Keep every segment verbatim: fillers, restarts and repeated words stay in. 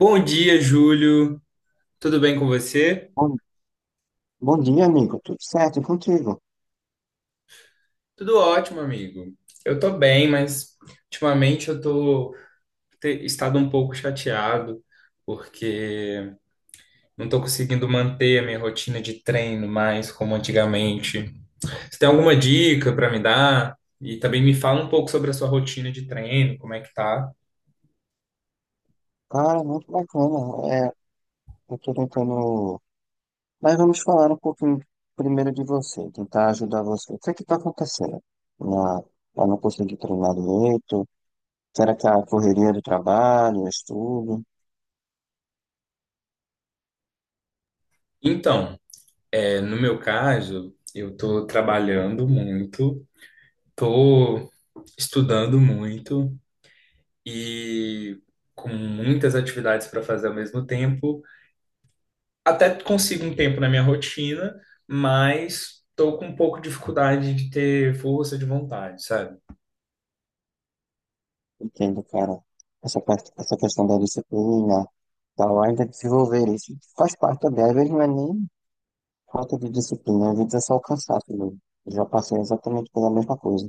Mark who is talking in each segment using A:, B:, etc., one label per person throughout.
A: Bom dia, Júlio. Tudo bem com você?
B: Bom, bom dia, amigo. Tudo certo e contigo?
A: Tudo ótimo, amigo. Eu tô bem, mas ultimamente eu tô te- estado um pouco chateado porque não tô conseguindo manter a minha rotina de treino mais como antigamente. Você tem alguma dica para me dar? E também me fala um pouco sobre a sua rotina de treino, como é que tá?
B: Cara, muito bacana. É, eu tô tentando. Mas vamos falar um pouquinho primeiro de você, tentar ajudar você. O que é que tá acontecendo? Na, eu não consegui treinar direito? Será que é a correria do trabalho, estudo?
A: Então, é, no meu caso, eu tô trabalhando muito, tô estudando muito, e com muitas atividades para fazer ao mesmo tempo. Até consigo um tempo na minha rotina, mas estou com um pouco de dificuldade de ter força de vontade, sabe?
B: Entendo, cara. Essa, parte- essa questão da disciplina, tal, ainda desenvolver isso faz parte também. Às vezes não é nem falta de disciplina, às vezes é só o cansaço mesmo. Eu já passei exatamente pela mesma coisa.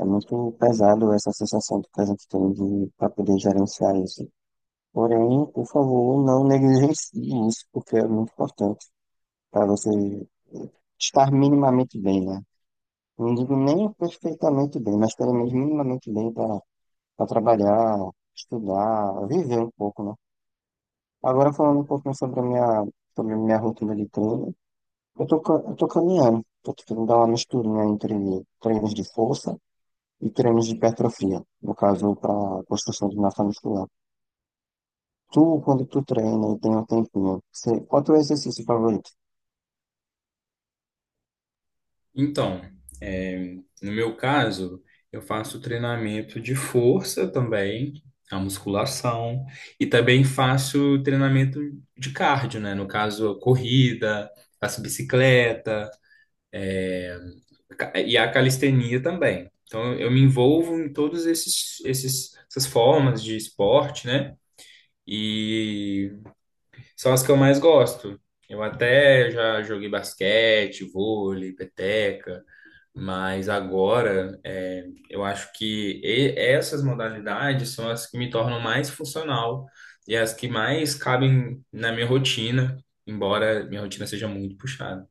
B: É muito pesado essa sensação que a gente tem de para poder gerenciar isso. Porém, por favor, não negligencie isso, porque é muito importante para você estar minimamente bem, né? Não digo nem perfeitamente bem, mas pelo menos minimamente bem para trabalhar, estudar, viver um pouco, né? Agora falando um pouquinho sobre a minha, sobre a minha rotina de treino, eu tô, ca- eu tô caminhando, tô tentando dar uma misturinha entre treinos de força e treinos de hipertrofia, no caso, para construção de massa muscular. Tu, quando tu treina e tem um tempinho, você, qual é o teu exercício favorito?
A: Então, é, no meu caso, eu faço treinamento de força também, a musculação, e também faço treinamento de cardio, né? No caso, corrida, faço bicicleta. Ca- E a calistenia também. Então, eu me envolvo em todos esses, esses, essas formas de esporte, né? E são as que eu mais gosto. Eu até já joguei basquete, vôlei, peteca, mas agora é, eu acho que e- essas modalidades são as que me tornam mais funcional e as que mais cabem na minha rotina, embora minha rotina seja muito puxada.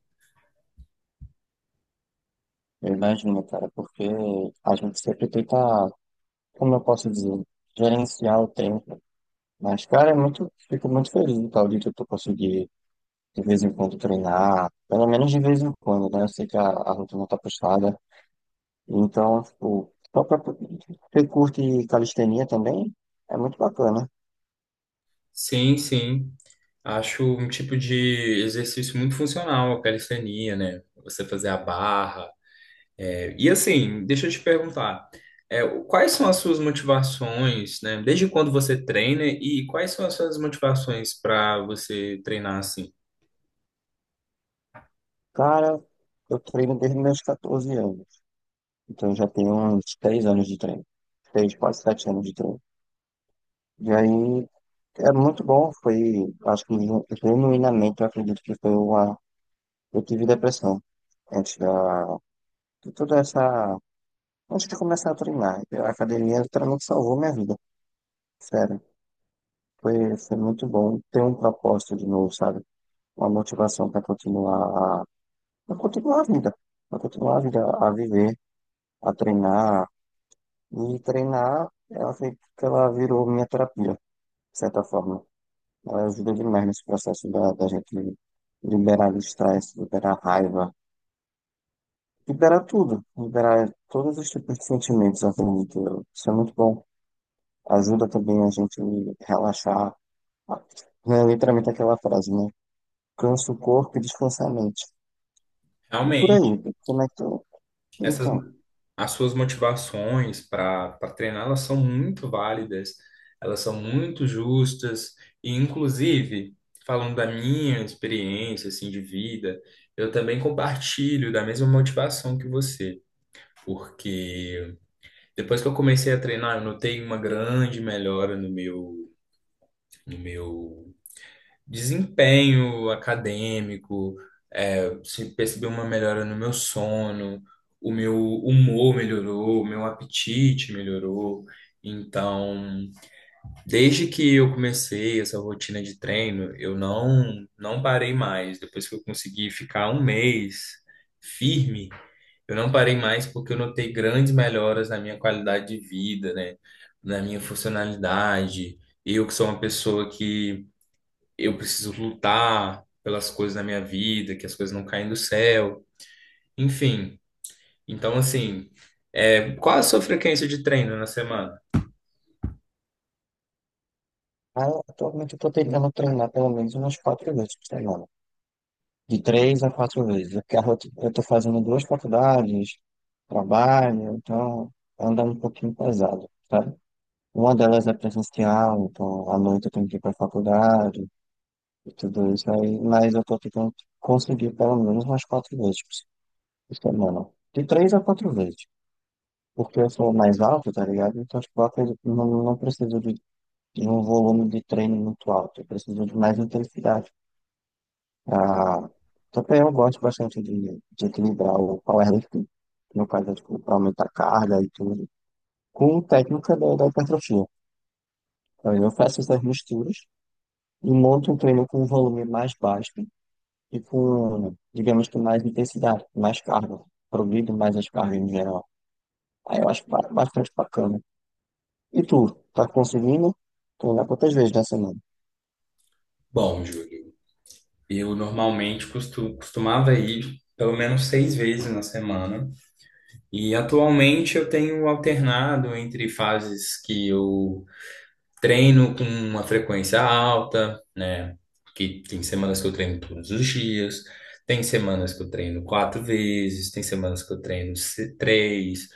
B: Eu imagino, cara, porque a gente sempre tenta, como eu posso dizer, gerenciar o tempo. Mas, cara, é muito, fico muito feliz do tal de tu conseguir, de vez em quando, treinar, pelo menos de vez em quando, né? Eu sei que a, a rotina tá puxada, então, tipo, só pra, você curte calistenia também? É muito bacana.
A: Sim, sim. Acho um tipo de exercício muito funcional, a calistenia, né? Você fazer a barra. É, E assim, deixa eu te perguntar, é, o- quais são as suas motivações, né? Desde quando você treina e quais são as suas motivações para você treinar assim?
B: Cara, eu treino desde meus catorze anos. Então eu já tenho uns três anos de treino. três, quase sete anos de treino. E aí é muito bom. Foi, acho que genu- genuinamente eu acredito que foi uma. Eu tive depressão antes da. De toda essa. Antes de começar a treinar. A academia literalmente salvou minha vida. Sério. Foi, foi muito bom ter um propósito de novo, sabe? Uma motivação para continuar. Para continuar a vida. Para continuar a vida, a viver, a treinar. E treinar, ela, foi- que ela virou minha terapia, de certa forma. Ela ajuda demais nesse processo da, da, gente liberar o estresse, liberar a raiva, liberar tudo, liberar todos os tipos de sentimentos, eu acredito. Eu. Isso é muito bom. Ajuda também a gente relaxar. É literalmente aquela frase, né? Cansa o corpo e descansa a mente. E por aí, como é que tu.
A: Essas
B: Então,
A: as suas motivações para para treinar, elas são muito válidas, elas são muito justas e inclusive falando da minha experiência assim de vida, eu também compartilho da mesma motivação que você, porque depois que eu comecei a treinar, eu notei uma grande melhora no meu no meu desempenho acadêmico, é, se percebi uma melhora no meu sono, o meu humor melhorou, o meu apetite melhorou. Então, desde que eu comecei essa rotina de treino, eu não não parei mais. Depois que eu consegui ficar um mês firme, eu não parei mais porque eu notei grandes melhoras na minha qualidade de vida, né? Na minha funcionalidade. Eu que sou uma pessoa que eu preciso lutar pelas coisas na minha vida, que as coisas não caem do céu, enfim. Então, assim, é, qual a sua frequência de treino na semana?
B: aí, atualmente eu tô tentando treinar pelo menos umas quatro vezes por semana. De três a quatro vezes, porque a roti- eu estou fazendo duas faculdades, trabalho, então anda um pouquinho pesado, sabe? Uma delas é presencial, então à noite eu tenho que ir para a faculdade e tudo isso aí, mas eu estou tentando conseguir pelo menos umas quatro vezes por semana. De três a quatro vezes, porque eu sou mais alto, tá ligado? Então, tipo, eu acredito que não, não preciso de, de um volume de treino muito alto, eu preciso de mais intensidade. Ah, também eu gosto bastante de, de equilibrar o powerlifting, no caso, é, tipo, pra aumentar a carga e tudo, com técnica da, da, hipertrofia. Então, eu faço essas misturas e monto um treino com um volume mais baixo e com, digamos que, mais intensidade, mais carga, progrido mais as cargas em geral. Aí eu acho ba- bastante bacana. E tu, tá conseguindo treinar quantas vezes na semana?
A: Bom, Júlio, eu normalmente costu- costumava ir pelo menos seis vezes na semana, e atualmente eu tenho alternado entre fases que eu treino com uma frequência alta, né? Que tem semanas que eu treino todos os dias, tem semanas que eu treino quatro vezes, tem semanas que eu treino se- três.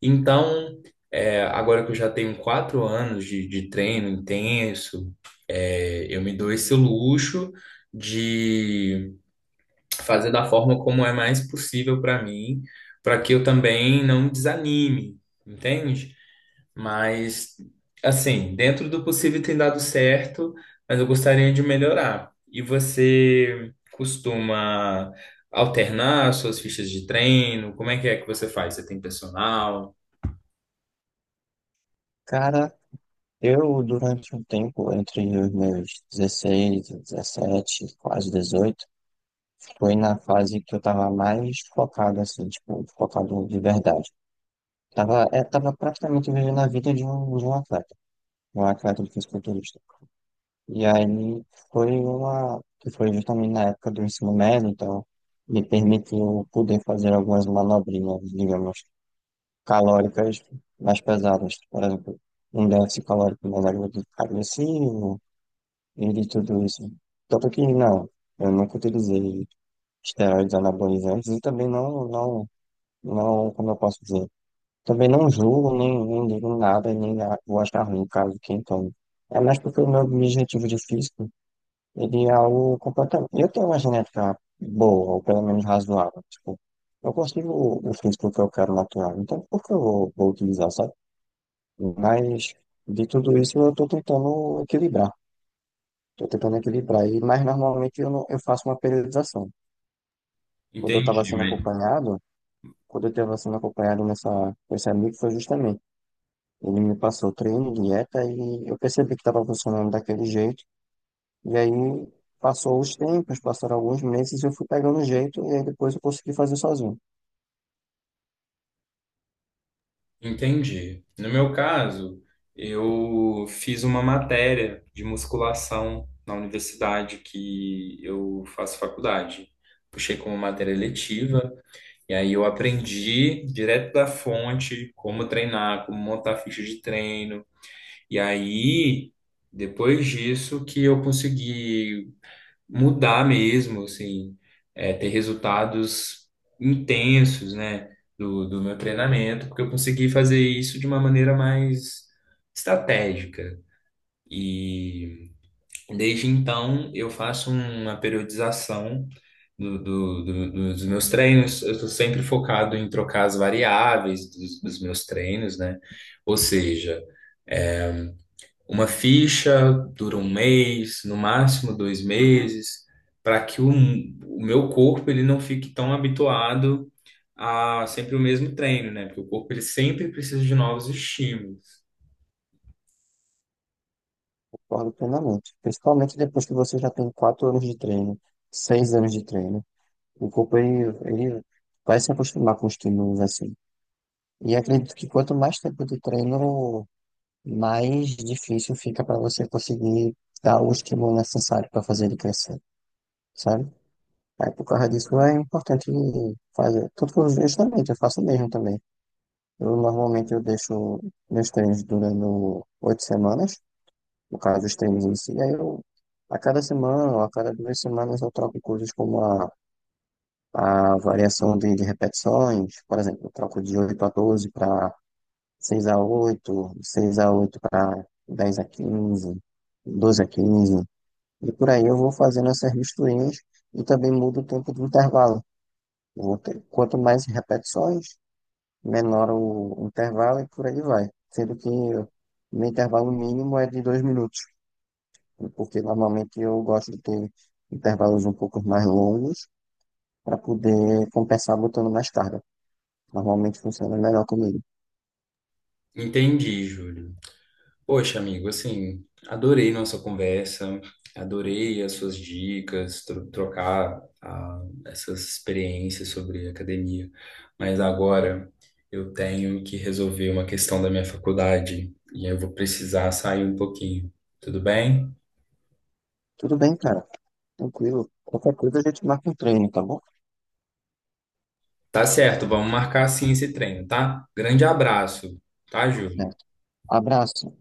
A: Então, é, agora que eu já tenho quatro anos de, de treino intenso, é, eu me dou esse luxo de fazer da forma como é mais possível para mim, para que eu também não desanime, entende? Mas, assim, dentro do possível tem dado certo, mas eu gostaria de melhorar. E você costuma alternar suas fichas de treino? Como é que é que você faz? Você tem personal?
B: Cara, eu durante um tempo, entre os meus dezesseis, dezessete, quase dezoito. Foi na fase que eu tava mais focado, assim, tipo, focado de verdade. Tava, é, tava praticamente vivendo a vida de um, de um atleta, um atleta de fisiculturista. E aí foi uma, que foi justamente na época do ensino médio, então me permitiu poder fazer algumas manobrinhas, digamos, calóricas mais pesadas. Por exemplo, um déficit calórico mais agre- agressivo e de tudo isso. Tanto que não, eu nunca utilizei esteroides anabolizantes e também não, não, não, como eu posso dizer, também não julgo, nem, nem digo nada, nem a- vou achar ruim caso quem tome. É mais porque o meu objetivo de físico, ele é algo completamente. Eu tenho uma genética boa, ou pelo menos razoável, tipo, eu consigo o o físico que eu quero natural, então por que eu vou, vou utilizar, sabe? Mas de tudo isso eu estou tentando equilibrar, estou tentando equilibrar, e, mas normalmente eu, não, eu faço uma periodização. Quando eu estava
A: Entendi,
B: sendo
A: né?
B: acompanhado, quando eu estava sendo acompanhado nessa, com esse amigo, foi justamente. Ele me passou treino, dieta, e eu percebi que estava funcionando daquele jeito. E aí passou os tempos, passaram alguns meses, e eu fui pegando o jeito, e aí depois eu consegui fazer sozinho.
A: Entendi. No meu caso, eu fiz uma matéria de musculação na universidade que eu faço faculdade. Puxei como matéria letiva. E aí eu aprendi direto da fonte como treinar, como montar ficha de treino. E aí, depois disso, que eu consegui mudar mesmo, assim, é, ter resultados intensos, né, do, do meu treinamento, porque eu consegui fazer isso de uma maneira mais estratégica. E desde então, eu faço uma periodização do- do- do- dos meus treinos. Eu estou sempre focado em trocar as variáveis dos, dos meus treinos, né? Ou seja, uma ficha dura um mês, no máximo dois meses, para que o, o meu corpo ele não fique tão habituado a sempre o mesmo treino, né? Porque o corpo ele sempre precisa de novos estímulos.
B: Concordo plenamente. Principalmente depois que você já tem quatro anos de treino, seis anos de treino. O corpo, ele, ele vai se acostumar com os estímulos assim. E acredito que quanto mais tempo de treino, mais difícil fica para você conseguir dar o estímulo necessário para fazer ele crescer, sabe? Aí por causa disso é importante fazer. Tudo que eu justamente, eu faço mesmo também. Eu normalmente eu deixo meus treinos durando oito semanas, no caso os treinos em si, aí eu a cada semana ou a cada duas semanas eu troco coisas como a, a variação de, de repetições. Por exemplo, eu troco de oito a doze para seis a oito, seis a oito para dez a quinze, doze a quinze, e por aí eu vou fazendo essas misturinhas e também mudo o tempo de intervalo. Vou ter- Quanto mais repetições, menor o intervalo e por aí vai. Sendo que o meu intervalo mínimo é de dois minutos, porque normalmente eu gosto de ter intervalos um pouco mais longos para poder compensar botando mais carga. Normalmente funciona melhor comigo.
A: Entendi, Júlio. Poxa, amigo, assim, adorei nossa conversa, adorei as suas dicas, tro- trocar ah, essas experiências sobre academia. Mas agora eu tenho que resolver uma questão da minha faculdade e eu vou precisar sair um pouquinho. Tudo bem?
B: Tudo bem, cara. Tranquilo. Qualquer coisa a gente marca um treino, tá bom?
A: Tá certo, vamos marcar sim esse treino, tá? Grande abraço, tá, Júlio?
B: Certo. Abraço.